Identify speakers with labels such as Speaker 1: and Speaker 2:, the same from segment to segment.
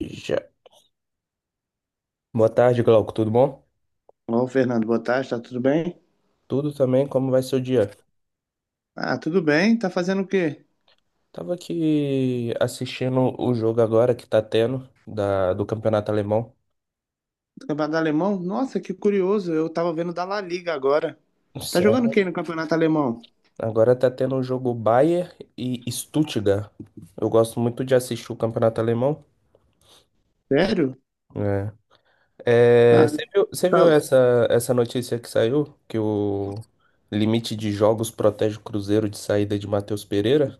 Speaker 1: Já. Boa tarde, Glauco. Tudo bom?
Speaker 2: Ô, Fernando, boa tarde, tá tudo bem?
Speaker 1: Tudo também, como vai seu dia?
Speaker 2: Ah, tudo bem, tá fazendo o quê?
Speaker 1: Tava aqui assistindo o jogo agora que tá tendo do Campeonato Alemão.
Speaker 2: Campeonato alemão? Nossa, que curioso, eu tava vendo da La Liga agora. Tá jogando quem
Speaker 1: Sério?
Speaker 2: no campeonato alemão?
Speaker 1: Agora tá tendo o jogo Bayern e Stuttgart. Eu gosto muito de assistir o Campeonato Alemão.
Speaker 2: Sério?
Speaker 1: É. É,
Speaker 2: Ah,
Speaker 1: você viu, você
Speaker 2: tá-
Speaker 1: viu essa notícia que saiu? Que o limite de jogos protege o Cruzeiro de saída de Matheus Pereira?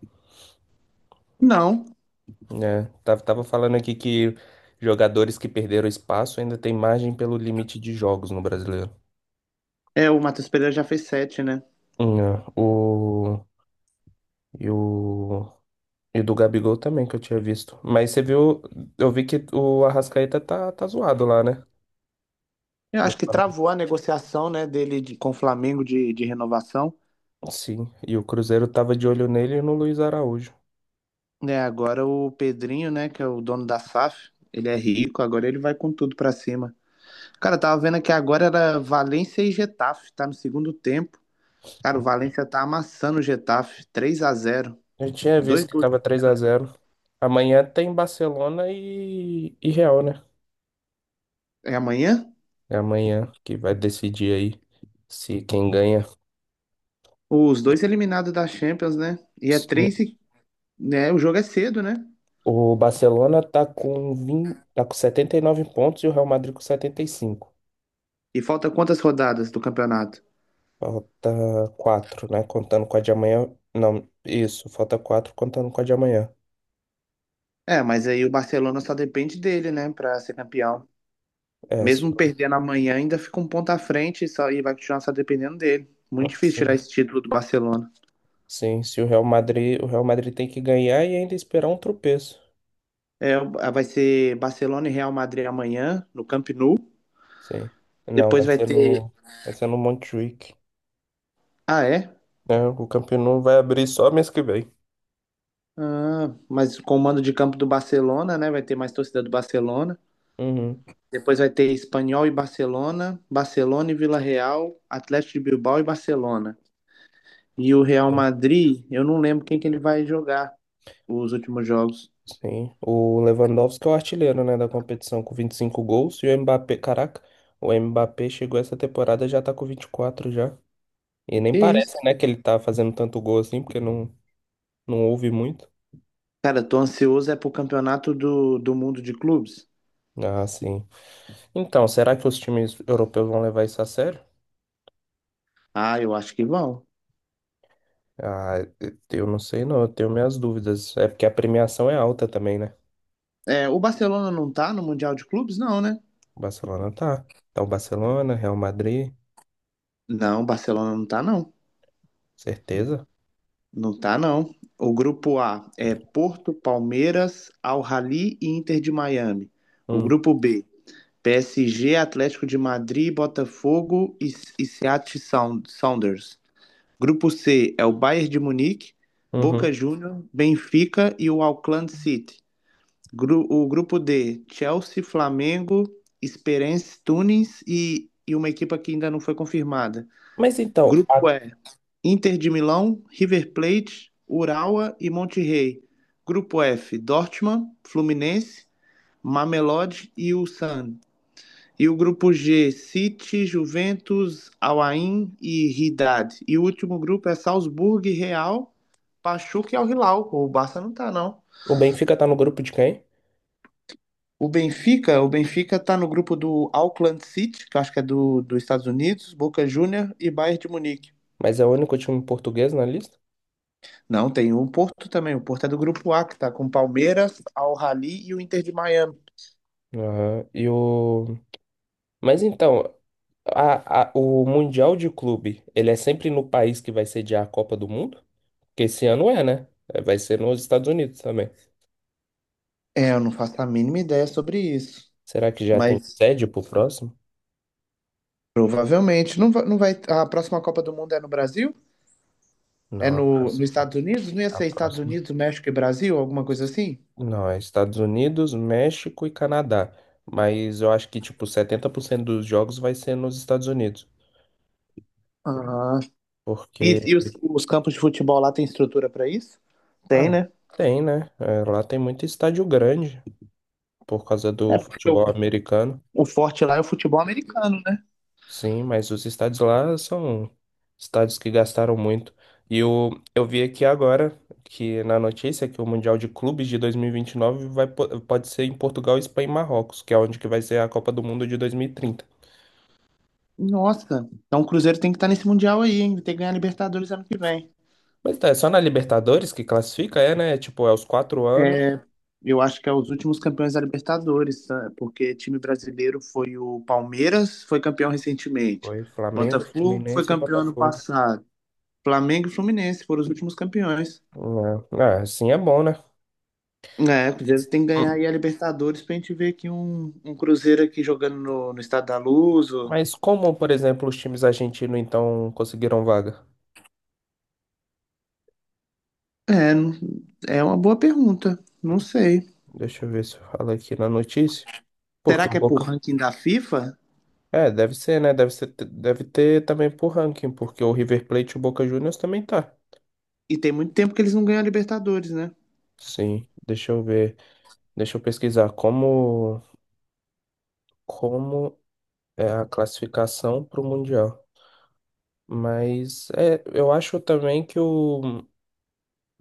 Speaker 2: Não,
Speaker 1: É, tava falando aqui que jogadores que perderam espaço ainda tem margem pelo limite de jogos no brasileiro.
Speaker 2: é, o Matheus Pereira já fez sete, né?
Speaker 1: É. E o, e do Gabigol também, que eu tinha visto. Mas você viu, eu vi que o Arrascaeta tá zoado lá, né?
Speaker 2: Eu
Speaker 1: No
Speaker 2: acho que
Speaker 1: Flamengo.
Speaker 2: travou a negociação, né, dele de- com o Flamengo de renovação.
Speaker 1: Sim, e o Cruzeiro tava de olho nele e no Luiz Araújo.
Speaker 2: Né? Agora o Pedrinho, né, que é o dono da SAF, ele é rico, agora ele vai com tudo pra cima. Cara, eu tava vendo que agora era Valência e Getafe, tá no segundo tempo. Cara, o Valência tá amassando o Getafe, 3-0.
Speaker 1: Eu tinha visto
Speaker 2: Dois
Speaker 1: que
Speaker 2: gols.
Speaker 1: tava 3-0. Amanhã tem Barcelona e Real, né?
Speaker 2: É amanhã?
Speaker 1: É amanhã que vai decidir aí se quem ganha.
Speaker 2: Os dois eliminados da Champions, né? E é 3 e, né, o jogo é cedo, né?
Speaker 1: O Barcelona tá com 79 pontos e o Real Madrid com 75.
Speaker 2: E falta quantas rodadas do campeonato?
Speaker 1: Falta 4, né? Contando com a de amanhã. Não, isso, falta 4, contando com a de amanhã.
Speaker 2: É, mas aí o Barcelona só depende dele, né, pra ser campeão.
Speaker 1: É, se,
Speaker 2: Mesmo
Speaker 1: o-
Speaker 2: perdendo amanhã, ainda fica um ponto à frente e, só, e vai continuar só dependendo dele. Muito difícil tirar
Speaker 1: sim,
Speaker 2: esse título do Barcelona.
Speaker 1: sim, se o Real Madrid tem que ganhar e ainda esperar um tropeço.
Speaker 2: É, vai ser Barcelona e Real Madrid amanhã, no Camp Nou.
Speaker 1: Sim. Não,
Speaker 2: Depois
Speaker 1: vai
Speaker 2: vai
Speaker 1: ser
Speaker 2: ter.
Speaker 1: no, vai ser no Montjuic,
Speaker 2: Ah, é?
Speaker 1: né? O Campeonato vai abrir só mês que vem.
Speaker 2: Ah, mas com o mando de campo do Barcelona, né? Vai ter mais torcida do Barcelona.
Speaker 1: Uhum.
Speaker 2: Depois vai ter Espanhol e Barcelona, Barcelona e Vila Real, Atlético de Bilbao e Barcelona. E o Real Madrid, eu não lembro quem que ele vai jogar os últimos jogos.
Speaker 1: Sim, o Lewandowski é o artilheiro, né, da competição com 25 gols e o Mbappé, caraca, o Mbappé chegou essa temporada já tá com 24 já. E nem
Speaker 2: Que
Speaker 1: parece,
Speaker 2: isso?
Speaker 1: né, que ele tá fazendo tanto gol assim, porque não, não houve muito.
Speaker 2: Cara, eu tô ansioso é pro campeonato do mundo de clubes.
Speaker 1: Ah, sim. Então, será que os times europeus vão levar isso a sério?
Speaker 2: Ah, eu acho que vão.
Speaker 1: Ah, eu não sei não, eu tenho minhas dúvidas. É porque a premiação é alta também, né?
Speaker 2: É, o Barcelona não tá no Mundial de Clubes, não, né?
Speaker 1: O Barcelona tá. Então, Barcelona, Real Madrid,
Speaker 2: Não, o Barcelona não tá, não.
Speaker 1: certeza.
Speaker 2: Não tá, não. O grupo A é Porto, Palmeiras, Al-Ahly e Inter de Miami. O
Speaker 1: Hum,
Speaker 2: grupo B, PSG, Atlético de Madrid, Botafogo e, Seattle Sound- Sounders. Grupo C é o Bayern de Munique,
Speaker 1: uhum.
Speaker 2: Boca Juniors, Benfica e o Auckland City. Gru- o grupo D, Chelsea, Flamengo, Esperance Tunis e, uma equipa que ainda não foi confirmada.
Speaker 1: Mas então,
Speaker 2: Grupo E, Inter de Milão, River Plate, Urawa e Monterrey. Grupo F, Dortmund, Fluminense, Mamelodi e Ulsan. E o grupo G, City, Juventus, Al-Ain e Ridad. E o último grupo é Salzburg, Real, Pachuca e Al-Hilal. O Barça não tá, não.
Speaker 1: o Benfica tá no grupo de quem?
Speaker 2: O Benfica tá no grupo do Auckland City, que eu acho que é dos Estados Unidos, Boca Juniors e Bayern de Munique.
Speaker 1: Mas é o único time português na lista?
Speaker 2: Não, tem o Porto também. O Porto é do grupo A, que tá com Palmeiras, Al-Ahly e o Inter de Miami.
Speaker 1: Aham. Mas então, o Mundial de Clube, ele é sempre no país que vai sediar a Copa do Mundo? Porque esse ano é, né? É, vai ser nos Estados Unidos também.
Speaker 2: É, eu não faço a mínima ideia sobre isso.
Speaker 1: Será que já tem
Speaker 2: Mas
Speaker 1: sede pro próximo?
Speaker 2: provavelmente não vai, não vai. A próxima Copa do Mundo é no Brasil? É
Speaker 1: Não, a
Speaker 2: no, nos
Speaker 1: próxima.
Speaker 2: Estados Unidos? Não ia
Speaker 1: A
Speaker 2: ser Estados
Speaker 1: próxima.
Speaker 2: Unidos, México e Brasil? Alguma coisa assim?
Speaker 1: Não, é Estados Unidos, México e Canadá. Mas eu acho que, tipo, 70% dos jogos vai ser nos Estados Unidos.
Speaker 2: Ah.
Speaker 1: Porque,
Speaker 2: E os campos de futebol lá tem estrutura pra isso? Tem,
Speaker 1: ah,
Speaker 2: né?
Speaker 1: tem, né? É, lá tem muito estádio grande por causa
Speaker 2: É
Speaker 1: do
Speaker 2: porque
Speaker 1: futebol americano.
Speaker 2: o forte lá é o futebol americano, né?
Speaker 1: Sim, mas os estádios lá são estádios que gastaram muito. Eu vi aqui agora que na notícia que o Mundial de Clubes de dois mil e vinte e nove pode ser em Portugal, Espanha e Marrocos, que é onde que vai ser a Copa do Mundo de 2030.
Speaker 2: Nossa, então o Cruzeiro tem que estar nesse Mundial aí, hein? Tem que ganhar a Libertadores ano que vem.
Speaker 1: Mas tá, é só na Libertadores que classifica, é, né? Tipo, é os 4 anos.
Speaker 2: É, eu acho que é os últimos campeões da Libertadores, tá? Porque time brasileiro foi o Palmeiras, foi campeão recentemente.
Speaker 1: Foi Flamengo,
Speaker 2: Botafogo foi
Speaker 1: Fluminense e
Speaker 2: campeão ano
Speaker 1: Botafogo.
Speaker 2: passado. Flamengo e Fluminense foram os últimos campeões.
Speaker 1: É, é, assim é bom, né?
Speaker 2: É, o Cruzeiro tem que ganhar aí a Libertadores pra gente ver aqui um, um Cruzeiro aqui jogando no, no Estado da Luz. Ou-
Speaker 1: Mas como, por exemplo, os times argentinos então conseguiram vaga?
Speaker 2: é, não- é uma boa pergunta. Não sei.
Speaker 1: Deixa eu ver se fala aqui na notícia.
Speaker 2: Será
Speaker 1: Porque o
Speaker 2: que é por
Speaker 1: Boca.
Speaker 2: ranking da FIFA?
Speaker 1: É, deve ser, né? Deve ser, deve ter também por ranking, porque o River Plate e o Boca Juniors também tá.
Speaker 2: E tem muito tempo que eles não ganham a Libertadores, né?
Speaker 1: Sim, deixa eu ver. Deixa eu pesquisar como é a classificação para o Mundial. Mas é, eu acho também que o,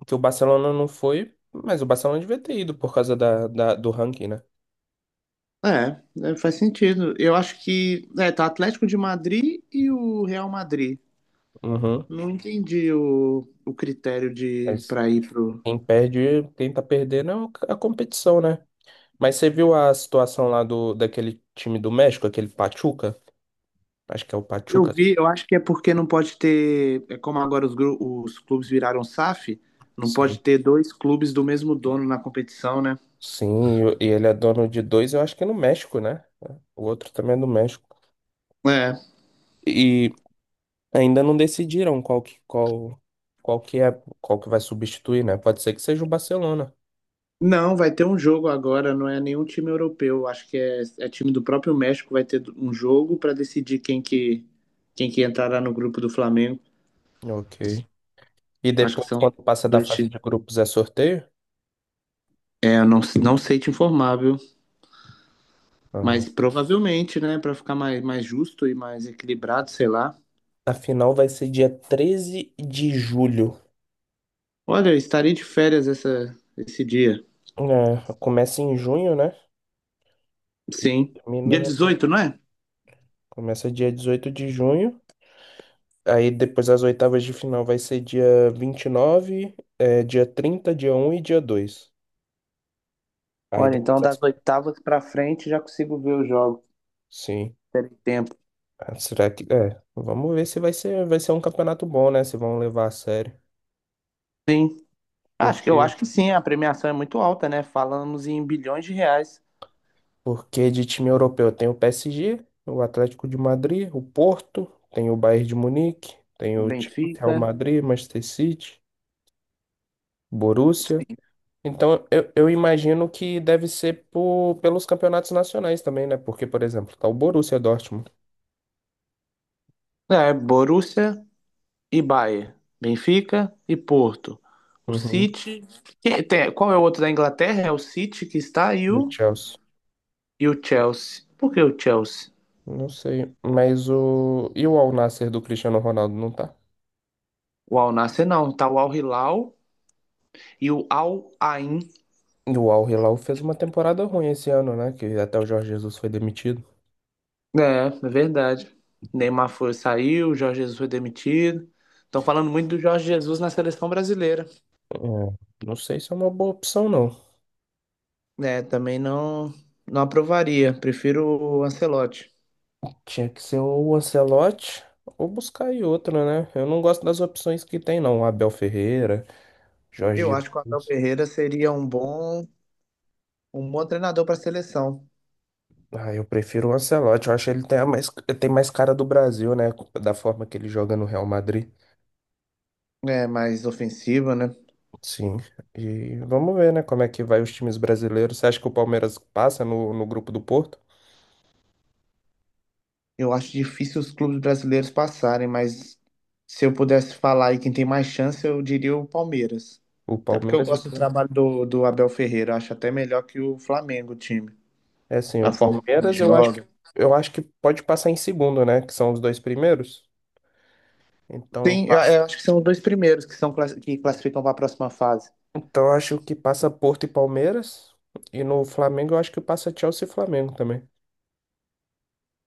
Speaker 1: que o Barcelona não foi, mas o Barcelona devia ter ido por causa do ranking, né?
Speaker 2: É, é, faz sentido. Eu acho que é, tá Atlético de Madrid e o Real Madrid.
Speaker 1: Uhum.
Speaker 2: Não entendi o critério de
Speaker 1: Mas
Speaker 2: para ir pro.
Speaker 1: quem perde, quem tá perdendo é a competição, né? Mas você viu a situação lá do, daquele time do México, aquele Pachuca? Acho que é o
Speaker 2: Eu
Speaker 1: Pachuca.
Speaker 2: vi, eu acho que é porque não pode ter, é como agora os, gru- os clubes viraram SAF, não pode
Speaker 1: Sim.
Speaker 2: ter dois clubes do mesmo dono na competição, né?
Speaker 1: Sim, e ele é dono de dois, eu acho que é no México, né? O outro também é do México.
Speaker 2: É.
Speaker 1: E ainda não decidiram qual que é, qual que vai substituir, né? Pode ser que seja o Barcelona.
Speaker 2: Não, vai ter um jogo agora, não é nenhum time europeu. Acho que é, é time do próprio México, vai ter um jogo para decidir quem que entrará no grupo do Flamengo.
Speaker 1: Ok. E
Speaker 2: Acho que
Speaker 1: depois,
Speaker 2: são
Speaker 1: quando passa da
Speaker 2: dois
Speaker 1: fase de
Speaker 2: times.
Speaker 1: grupos, é sorteio?
Speaker 2: É, eu não, não sei te informar, viu?
Speaker 1: Aham.
Speaker 2: Mas provavelmente, né? Pra ficar mais, mais justo e mais equilibrado, sei lá.
Speaker 1: A final vai ser dia 13 de julho.
Speaker 2: Olha, eu estarei de férias essa, esse dia.
Speaker 1: É, começa em junho, né? E
Speaker 2: Sim.
Speaker 1: termina.
Speaker 2: Dia 18 não é?
Speaker 1: Começa dia 18 de junho. Aí depois as oitavas de final vai ser dia 29, dia 30, dia 1 e dia 2. Aí
Speaker 2: Olha, então
Speaker 1: depois as...
Speaker 2: das oitavas pra frente já consigo ver os jogos.
Speaker 1: Sim.
Speaker 2: Terei tempo.
Speaker 1: Ah, será que... É, vamos ver se vai ser um campeonato bom, né? Se vão levar a sério.
Speaker 2: Sim. Acho que eu
Speaker 1: Porque,
Speaker 2: acho que sim, a premiação é muito alta, né? Falamos em bilhões de reais.
Speaker 1: porque de time europeu tem o PSG, o Atlético de Madrid, o Porto, tem o Bayern de Munique, tem
Speaker 2: O
Speaker 1: o Chelsea, Real
Speaker 2: Benfica.
Speaker 1: Madrid, Manchester City, Borussia.
Speaker 2: Sim.
Speaker 1: Então, eu imagino que deve ser por, pelos campeonatos nacionais também, né? Porque, por exemplo, tá o Borussia Dortmund.
Speaker 2: É, Borussia. E Bayern, Benfica e Porto. O
Speaker 1: Uhum.
Speaker 2: City. Que- tem- qual é o outro da Inglaterra? É o City que está
Speaker 1: E o Chelsea.
Speaker 2: e o Chelsea. Por que o Chelsea?
Speaker 1: Não sei. Mas o. E o Al Nassr do Cristiano Ronaldo não tá?
Speaker 2: O Al Nassr não, tá o Al Hilal e o Al Ain.
Speaker 1: E o Al Hilal fez uma temporada ruim esse ano, né? Que até o Jorge Jesus foi demitido.
Speaker 2: É, é verdade. Neymar foi, saiu, Jorge Jesus foi demitido. Estão falando muito do Jorge Jesus na seleção brasileira.
Speaker 1: É, não sei se é uma boa opção, não.
Speaker 2: Né também não, não aprovaria. Prefiro o Ancelotti.
Speaker 1: Tinha que ser o Ancelotti ou buscar aí outra, né? Eu não gosto das opções que tem, não. Abel Ferreira, Jorge
Speaker 2: Eu acho que o Abel
Speaker 1: Jesus.
Speaker 2: Ferreira seria um bom treinador para a seleção.
Speaker 1: Ah, eu prefiro o Ancelotti. Eu acho que ele tem mais cara do Brasil, né? Da forma que ele joga no Real Madrid.
Speaker 2: É mais ofensiva, né?
Speaker 1: Sim. E vamos ver, né? Como é que vai os times brasileiros. Você acha que o Palmeiras passa no grupo do Porto?
Speaker 2: Eu acho difícil os clubes brasileiros passarem, mas se eu pudesse falar aí quem tem mais chance, eu diria o Palmeiras.
Speaker 1: O
Speaker 2: Até porque eu
Speaker 1: Palmeiras e o
Speaker 2: gosto do
Speaker 1: Fla-
Speaker 2: trabalho do Abel Ferreira, eu acho até melhor que o Flamengo, o time,
Speaker 1: É sim,
Speaker 2: a
Speaker 1: o
Speaker 2: forma que o time
Speaker 1: Palmeiras eu acho que
Speaker 2: joga.
Speaker 1: eu acho que pode passar em segundo, né? Que são os dois primeiros. Então
Speaker 2: Tem,
Speaker 1: passa.
Speaker 2: eu acho que são os dois primeiros que são classi- que classificam para a próxima fase.
Speaker 1: Então eu acho que passa Porto e Palmeiras. E no Flamengo eu acho que passa Chelsea e Flamengo também.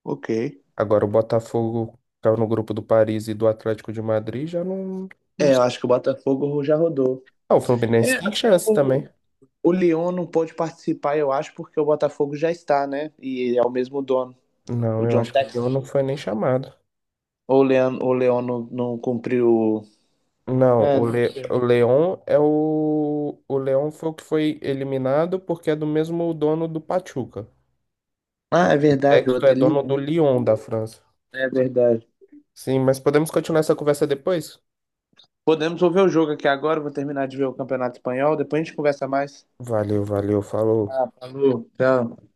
Speaker 2: Ok.
Speaker 1: Agora o Botafogo caiu no grupo do Paris e do Atlético de Madrid, já não, não...
Speaker 2: É, eu
Speaker 1: sei.
Speaker 2: acho que o Botafogo já rodou.
Speaker 1: Ah, o
Speaker 2: É,
Speaker 1: Fluminense tem
Speaker 2: até
Speaker 1: chance também.
Speaker 2: o Lyon não pôde participar, eu acho, porque o Botafogo já está, né? E é o mesmo dono,
Speaker 1: Não,
Speaker 2: o
Speaker 1: eu
Speaker 2: John
Speaker 1: acho que o Leão
Speaker 2: Textor.
Speaker 1: não foi nem chamado.
Speaker 2: Ou o Leão não, não cumpriu.
Speaker 1: Não,
Speaker 2: É, não-
Speaker 1: O Leão é o. O Leão foi o que foi eliminado porque é do mesmo dono do Pachuca. O
Speaker 2: ah, é
Speaker 1: o
Speaker 2: verdade, o
Speaker 1: Texto é
Speaker 2: outro é
Speaker 1: dono do
Speaker 2: Leão.
Speaker 1: Lyon da França.
Speaker 2: É verdade.
Speaker 1: Sim, mas podemos continuar essa conversa depois?
Speaker 2: Podemos ouvir o jogo aqui agora. Vou terminar de ver o Campeonato Espanhol. Depois a gente conversa mais.
Speaker 1: Valeu, valeu, falou.
Speaker 2: Ah, falou. Tchau.